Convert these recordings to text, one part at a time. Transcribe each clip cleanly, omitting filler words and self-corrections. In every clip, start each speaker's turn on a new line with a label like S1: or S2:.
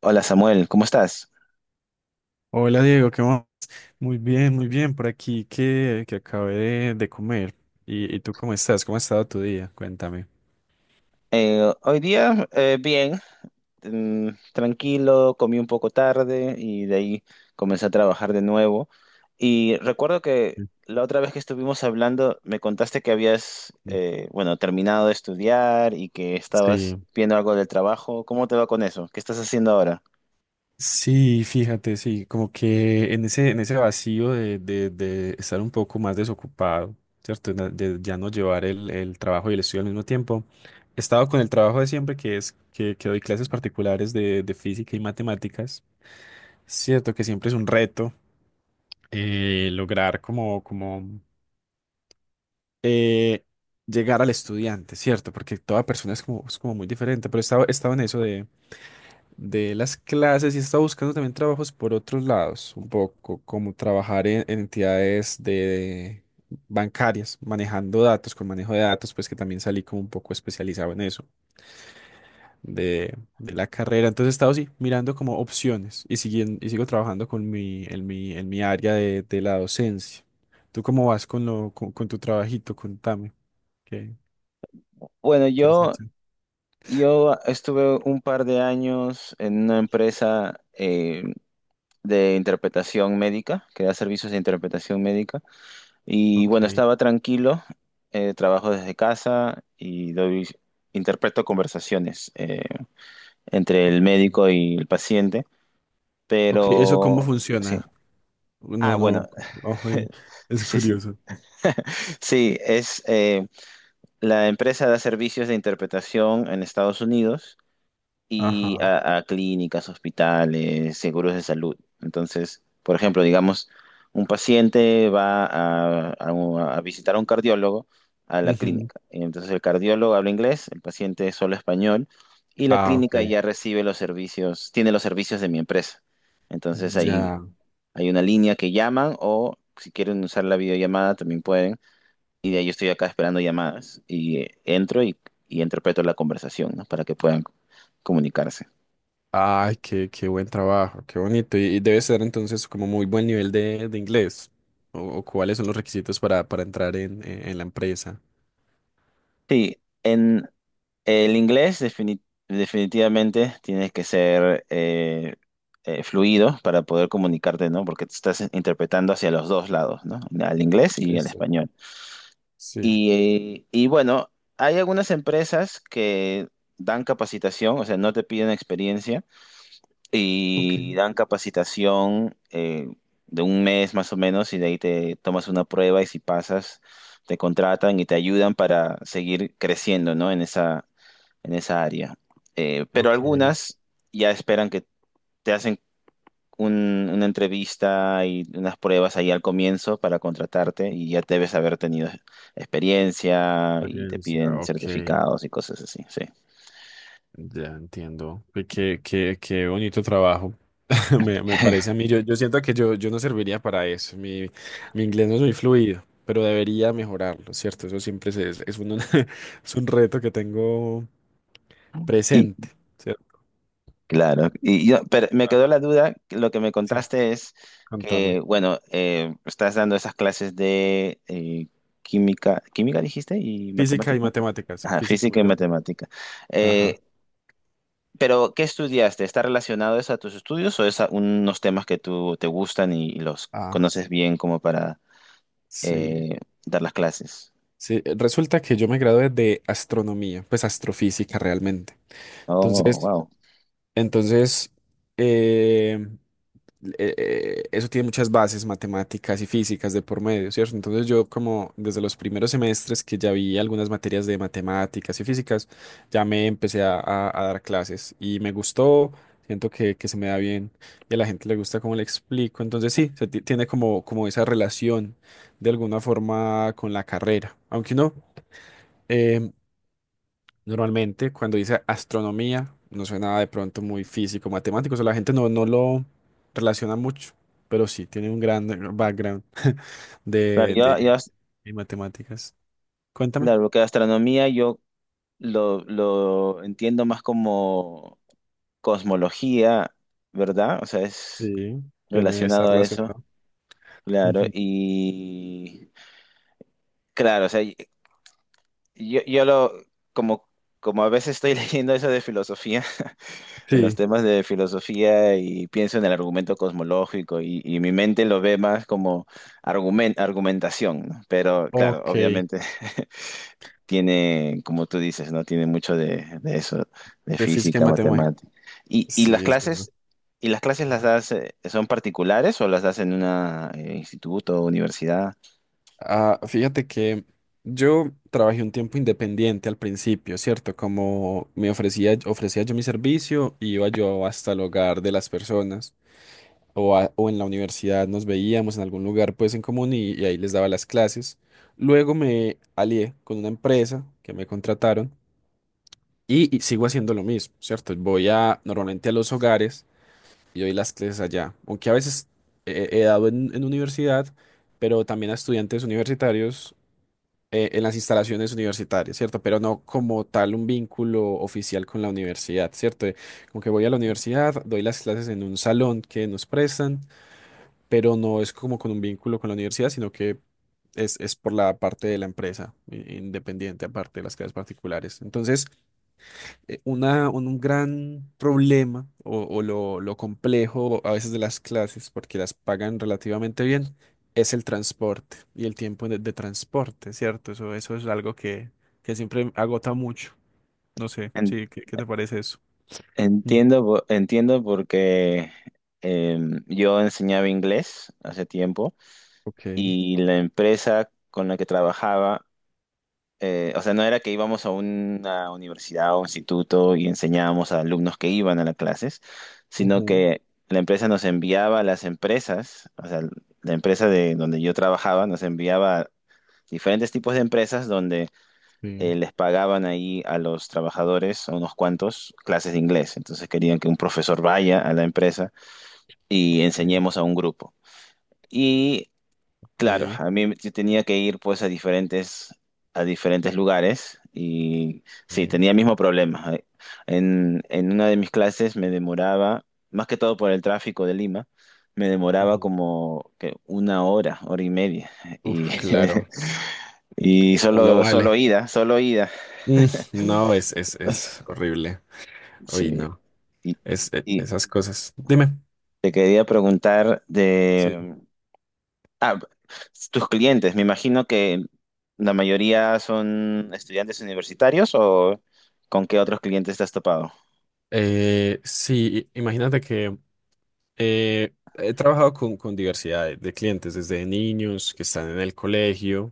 S1: Hola Samuel, ¿cómo estás?
S2: Hola Diego, ¿qué más? Muy bien, por aquí que acabé de comer. ¿Y tú cómo estás? ¿Cómo ha estado tu día? Cuéntame.
S1: Hoy día bien, tranquilo, comí un poco tarde y de ahí comencé a trabajar de nuevo. Y recuerdo que la otra vez que estuvimos hablando me contaste que habías,
S2: Ujú.
S1: eh, bueno, terminado de estudiar y que estabas
S2: Sí.
S1: viendo algo del trabajo. ¿Cómo te va con eso? ¿Qué estás haciendo ahora?
S2: Sí, fíjate, sí, como que en ese vacío de estar un poco más desocupado, ¿cierto? De ya no llevar el trabajo y el estudio al mismo tiempo. He estado con el trabajo de siempre, que es que doy clases particulares de física y matemáticas. Cierto que siempre es un reto lograr como eh, llegar al estudiante, ¿cierto? Porque toda persona es como muy diferente, pero estaba en eso de las clases y estaba buscando también trabajos por otros lados, un poco, como trabajar en entidades de bancarias, manejando datos, con manejo de datos, pues que también salí como un poco especializado en eso de la carrera. Entonces he estado así, mirando como opciones y, siguiendo, y sigo trabajando con mi, en mi, en mi área de la docencia. ¿Tú cómo vas con tu trabajito? Contame. Ok.
S1: Bueno,
S2: ¿Qué hacía
S1: yo,
S2: hecho?
S1: yo estuve un par de años en una empresa de interpretación médica, que da servicios de interpretación médica. Y
S2: Ok,
S1: bueno, estaba tranquilo, trabajo desde casa y doy, interpreto conversaciones entre
S2: ok.
S1: el médico y el paciente,
S2: Ok, ¿eso cómo
S1: pero sí.
S2: funciona? No,
S1: Ah, bueno,
S2: no, ojo, es
S1: sí, sí.
S2: curioso.
S1: Sí, es la empresa da servicios de interpretación en Estados Unidos y
S2: Ajá.
S1: a clínicas, hospitales, seguros de salud. Entonces, por ejemplo, digamos, un paciente va a visitar a un cardiólogo a la
S2: Ujú.
S1: clínica. Entonces, el cardiólogo habla inglés, el paciente solo español y la
S2: Ah,
S1: clínica
S2: ok.
S1: ya recibe los servicios, tiene los servicios de mi empresa. Entonces, ahí
S2: Ya.
S1: hay una línea que llaman o si quieren usar la videollamada también pueden. Y de ahí yo estoy acá esperando llamadas y entro y interpreto la conversación, ¿no? Para que puedan comunicarse.
S2: Ay, qué buen trabajo, qué bonito. Y debe ser entonces como muy buen nivel de inglés. O cuáles son los requisitos para entrar en la empresa.
S1: Sí, en el inglés definitivamente tienes que ser fluido para poder comunicarte, ¿no? Porque te estás interpretando hacia los dos lados, ¿no? Al inglés y al
S2: Eso.
S1: español.
S2: Sí.
S1: Y bueno, hay algunas empresas que dan capacitación, o sea, no te piden experiencia y
S2: Ok.
S1: dan capacitación de un mes más o menos y de ahí te tomas una prueba y si pasas te contratan y te ayudan para seguir creciendo, ¿no? En esa área. Pero
S2: Ok.
S1: algunas ya esperan que te hacen una entrevista y unas pruebas ahí al comienzo para contratarte y ya debes haber tenido experiencia y te
S2: Experiencia.
S1: piden
S2: Ok.
S1: certificados y cosas así, sí.
S2: Ya entiendo. Qué bonito trabajo. Me parece a mí, yo siento que yo no serviría para eso. Mi inglés no es muy fluido, pero debería mejorarlo, ¿cierto? Eso siempre es un, es un reto que tengo
S1: Y,
S2: presente, ¿cierto?
S1: claro, y yo, pero me quedó
S2: Ajá.
S1: la duda, que lo que me
S2: Sí,
S1: contaste es
S2: contame.
S1: que, bueno, estás dando esas clases de química dijiste, y
S2: Física y
S1: matemática,
S2: matemáticas.
S1: ajá,
S2: Física y
S1: física y
S2: matemáticas.
S1: matemática.
S2: Ajá.
S1: Eh, pero, ¿qué estudiaste? ¿Está relacionado eso a tus estudios o es a unos temas que tú te gustan y los
S2: Ah,
S1: conoces bien como para
S2: sí.
S1: eh, dar las clases?
S2: Sí, resulta que yo me gradué de astronomía, pues astrofísica realmente.
S1: Oh,
S2: Entonces,
S1: wow.
S2: entonces, em, eso tiene muchas bases matemáticas y físicas de por medio, ¿cierto? Entonces yo como desde los primeros semestres que ya vi algunas materias de matemáticas y físicas, ya me empecé a dar clases y me gustó, siento que se me da bien y a la gente le gusta cómo le explico, entonces sí, se tiene como esa relación de alguna forma con la carrera, aunque no. em, Normalmente, cuando dice astronomía, no suena de pronto muy físico, matemático, o sea, la gente no, no lo relaciona mucho, pero sí, tiene un gran background
S1: Claro,
S2: de, de, de matemáticas. Cuéntame.
S1: claro, que astronomía lo entiendo más como cosmología, ¿verdad? O sea, es
S2: Sí, tiene, está
S1: relacionado a eso,
S2: relacionado.
S1: claro.
S2: Ujú.
S1: Y claro, o sea, yo, yo lo, como, como a veces estoy leyendo eso de filosofía, en los
S2: Sí,
S1: temas de filosofía y pienso en el argumento cosmológico y mi mente lo ve más como argumentación, ¿no? Pero claro,
S2: ok,
S1: obviamente tiene, como tú dices, ¿no? Tiene mucho de eso, de
S2: de física y
S1: física,
S2: matemática.
S1: matemática. ¿Y, y
S2: Sí,
S1: las
S2: es verdad.
S1: clases, y las clases las das, son particulares o las das en un instituto o universidad?
S2: Ah, fíjate que yo trabajé un tiempo independiente al principio, ¿cierto? Como me ofrecía yo mi servicio, iba yo hasta el hogar de las personas o en la universidad nos veíamos en algún lugar pues en común y ahí les daba las clases. Luego me alié con una empresa que me contrataron y sigo haciendo lo mismo, ¿cierto? Voy a normalmente a los hogares y doy las clases allá, aunque a veces he dado en universidad, pero también a estudiantes universitarios en las instalaciones universitarias, ¿cierto? Pero no como tal un vínculo oficial con la universidad, ¿cierto? Como que voy a la universidad, doy las clases en un salón que nos prestan, pero no es como con un vínculo con la universidad, sino que es por la parte de la empresa, independiente, aparte de las clases particulares. Entonces, un gran problema o lo complejo a veces de las clases, porque las pagan relativamente bien, es el transporte y el tiempo de transporte, ¿cierto? Eso es algo que siempre agota mucho. No sé,
S1: En-
S2: sí, ¿qué te parece eso? Mm.
S1: entiendo, entiendo porque eh, yo enseñaba inglés hace tiempo
S2: Ok.
S1: y la empresa con la que trabajaba o sea, no era que íbamos a una universidad o instituto y enseñábamos a alumnos que iban a las clases, sino
S2: Ujú,
S1: que la empresa nos enviaba a las empresas, o sea, la empresa de donde yo trabajaba nos enviaba a diferentes tipos de empresas donde
S2: sí.
S1: les pagaban ahí a los trabajadores, a unos cuantos, clases de inglés. Entonces querían que un profesor vaya a la empresa y
S2: Sí,
S1: enseñemos a un grupo. Y claro,
S2: ok.
S1: a mí yo tenía que ir pues a diferentes lugares y sí,
S2: Sí.
S1: tenía el mismo problema. En una de mis clases me demoraba, más que todo por el tráfico de Lima, me demoraba
S2: Ujú.
S1: como que una hora, hora y media. Y,
S2: Uf, claro.
S1: y
S2: No lo
S1: solo, solo
S2: vale.
S1: ida, solo ida.
S2: Mm, no, es horrible. Uy,
S1: Sí.
S2: no.
S1: Y,
S2: Es, e-
S1: y
S2: esas cosas. Dime.
S1: te quería preguntar de ah, tus clientes, me imagino que la mayoría son estudiantes universitarios o ¿con qué otros clientes te has topado?
S2: Sí, imagínate que he trabajado con diversidad de clientes, desde niños que están en el colegio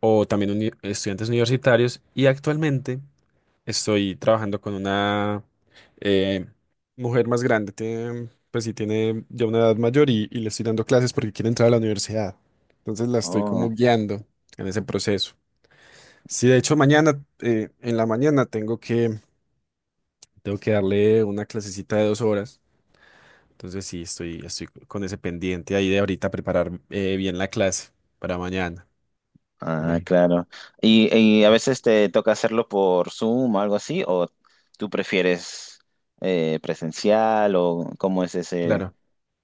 S2: o también estudiantes universitarios y actualmente estoy trabajando con una eh, mujer más grande, tiene, pues sí, tiene ya una edad mayor y le estoy dando clases porque quiere entrar a la universidad. Entonces la estoy como
S1: Oh,
S2: guiando en ese proceso. Sí, de hecho mañana, en la mañana tengo que darle una clasecita de 2 horas. Entonces sí, estoy con ese pendiente ahí de ahorita preparar bien la clase para mañana.
S1: ah,
S2: Imagínate.
S1: claro. Y a veces te toca hacerlo por Zoom o algo así? ¿O tú prefieres presencial o cómo es ese?
S2: Claro,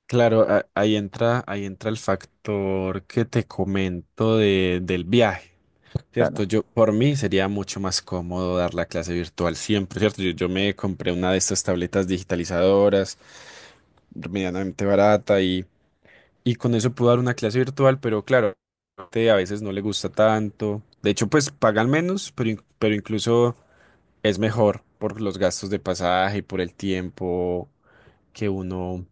S2: claro, ahí entra el factor que te comento del viaje,
S1: Claro,
S2: ¿cierto? Yo, por mí sería mucho más cómodo dar la clase virtual siempre, ¿cierto? Yo me compré una de estas tabletas digitalizadoras, medianamente barata y con eso puedo dar una clase virtual, pero claro, a veces no le gusta tanto. De hecho, pues pagan menos, pero incluso es mejor por los gastos de pasaje y por el tiempo que uno,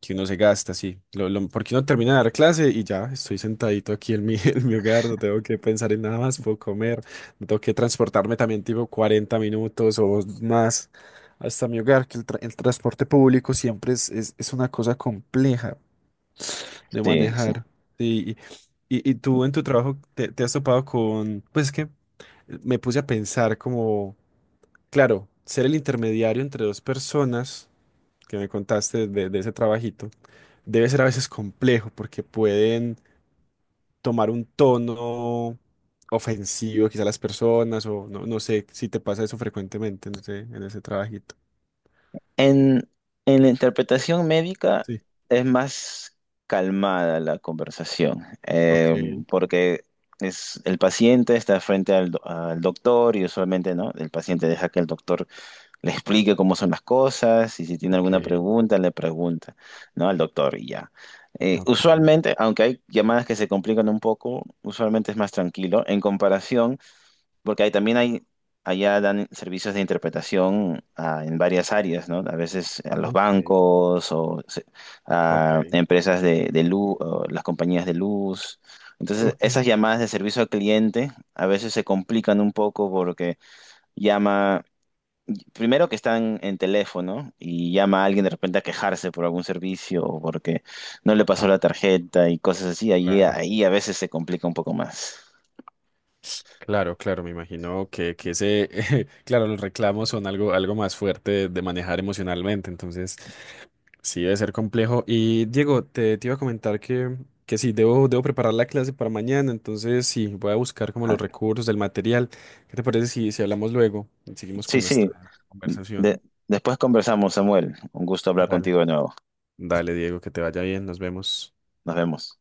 S2: que uno se gasta, sí. Porque uno termina de dar clase y ya estoy sentadito aquí en mi, en mi hogar, no tengo que pensar en nada más, puedo comer, no tengo que transportarme también tipo 40 minutos o más hasta mi hogar, que el transporte público siempre es una cosa compleja de
S1: sí, sí.
S2: manejar. Sí, y tú en tu trabajo te has topado con, pues es que me puse a pensar como. Claro, ser el intermediario entre dos personas que me contaste de ese trabajito debe ser a veces complejo porque pueden tomar un tono ofensivo quizá a las personas o no, no sé si te pasa eso frecuentemente en ese trabajito.
S1: En, en la interpretación médica
S2: Sí.
S1: es más calmada la conversación,
S2: Ok,
S1: porque es, el paciente está frente al, al doctor y usualmente ¿no? el paciente deja que el doctor le explique cómo son las cosas y si tiene
S2: ok,
S1: alguna pregunta le pregunta ¿no? al doctor y ya.
S2: ok,
S1: Usualmente, aunque hay llamadas que se complican un poco, usualmente es más tranquilo en comparación porque ahí también hay, allá dan servicios de interpretación ah, en varias áreas, ¿no? A veces a los
S2: ok,
S1: bancos o
S2: ok,
S1: a empresas de luz, las compañías de luz. Entonces, esas
S2: ok.
S1: llamadas de servicio al cliente a veces se complican un poco porque llama, primero que están en teléfono y llama a alguien de repente a quejarse por algún servicio o porque no le pasó
S2: Ah,
S1: la tarjeta y cosas así. Ahí,
S2: claro.
S1: ahí a veces se complica un poco más.
S2: Claro, claro, me imagino que ese, claro, los reclamos son algo más fuerte de manejar emocionalmente, entonces. Sí, debe ser complejo. Y Diego, te iba a comentar que sí, debo preparar la clase para mañana, entonces sí, voy a buscar como los
S1: Ah,
S2: recursos, el material. ¿Qué te parece si, si hablamos luego y seguimos
S1: sí,
S2: con
S1: sí.
S2: nuestra conversación?
S1: De- después conversamos, Samuel. Un gusto hablar
S2: Dale.
S1: contigo de nuevo.
S2: Dale, Diego, que te vaya bien, nos vemos.
S1: Nos vemos.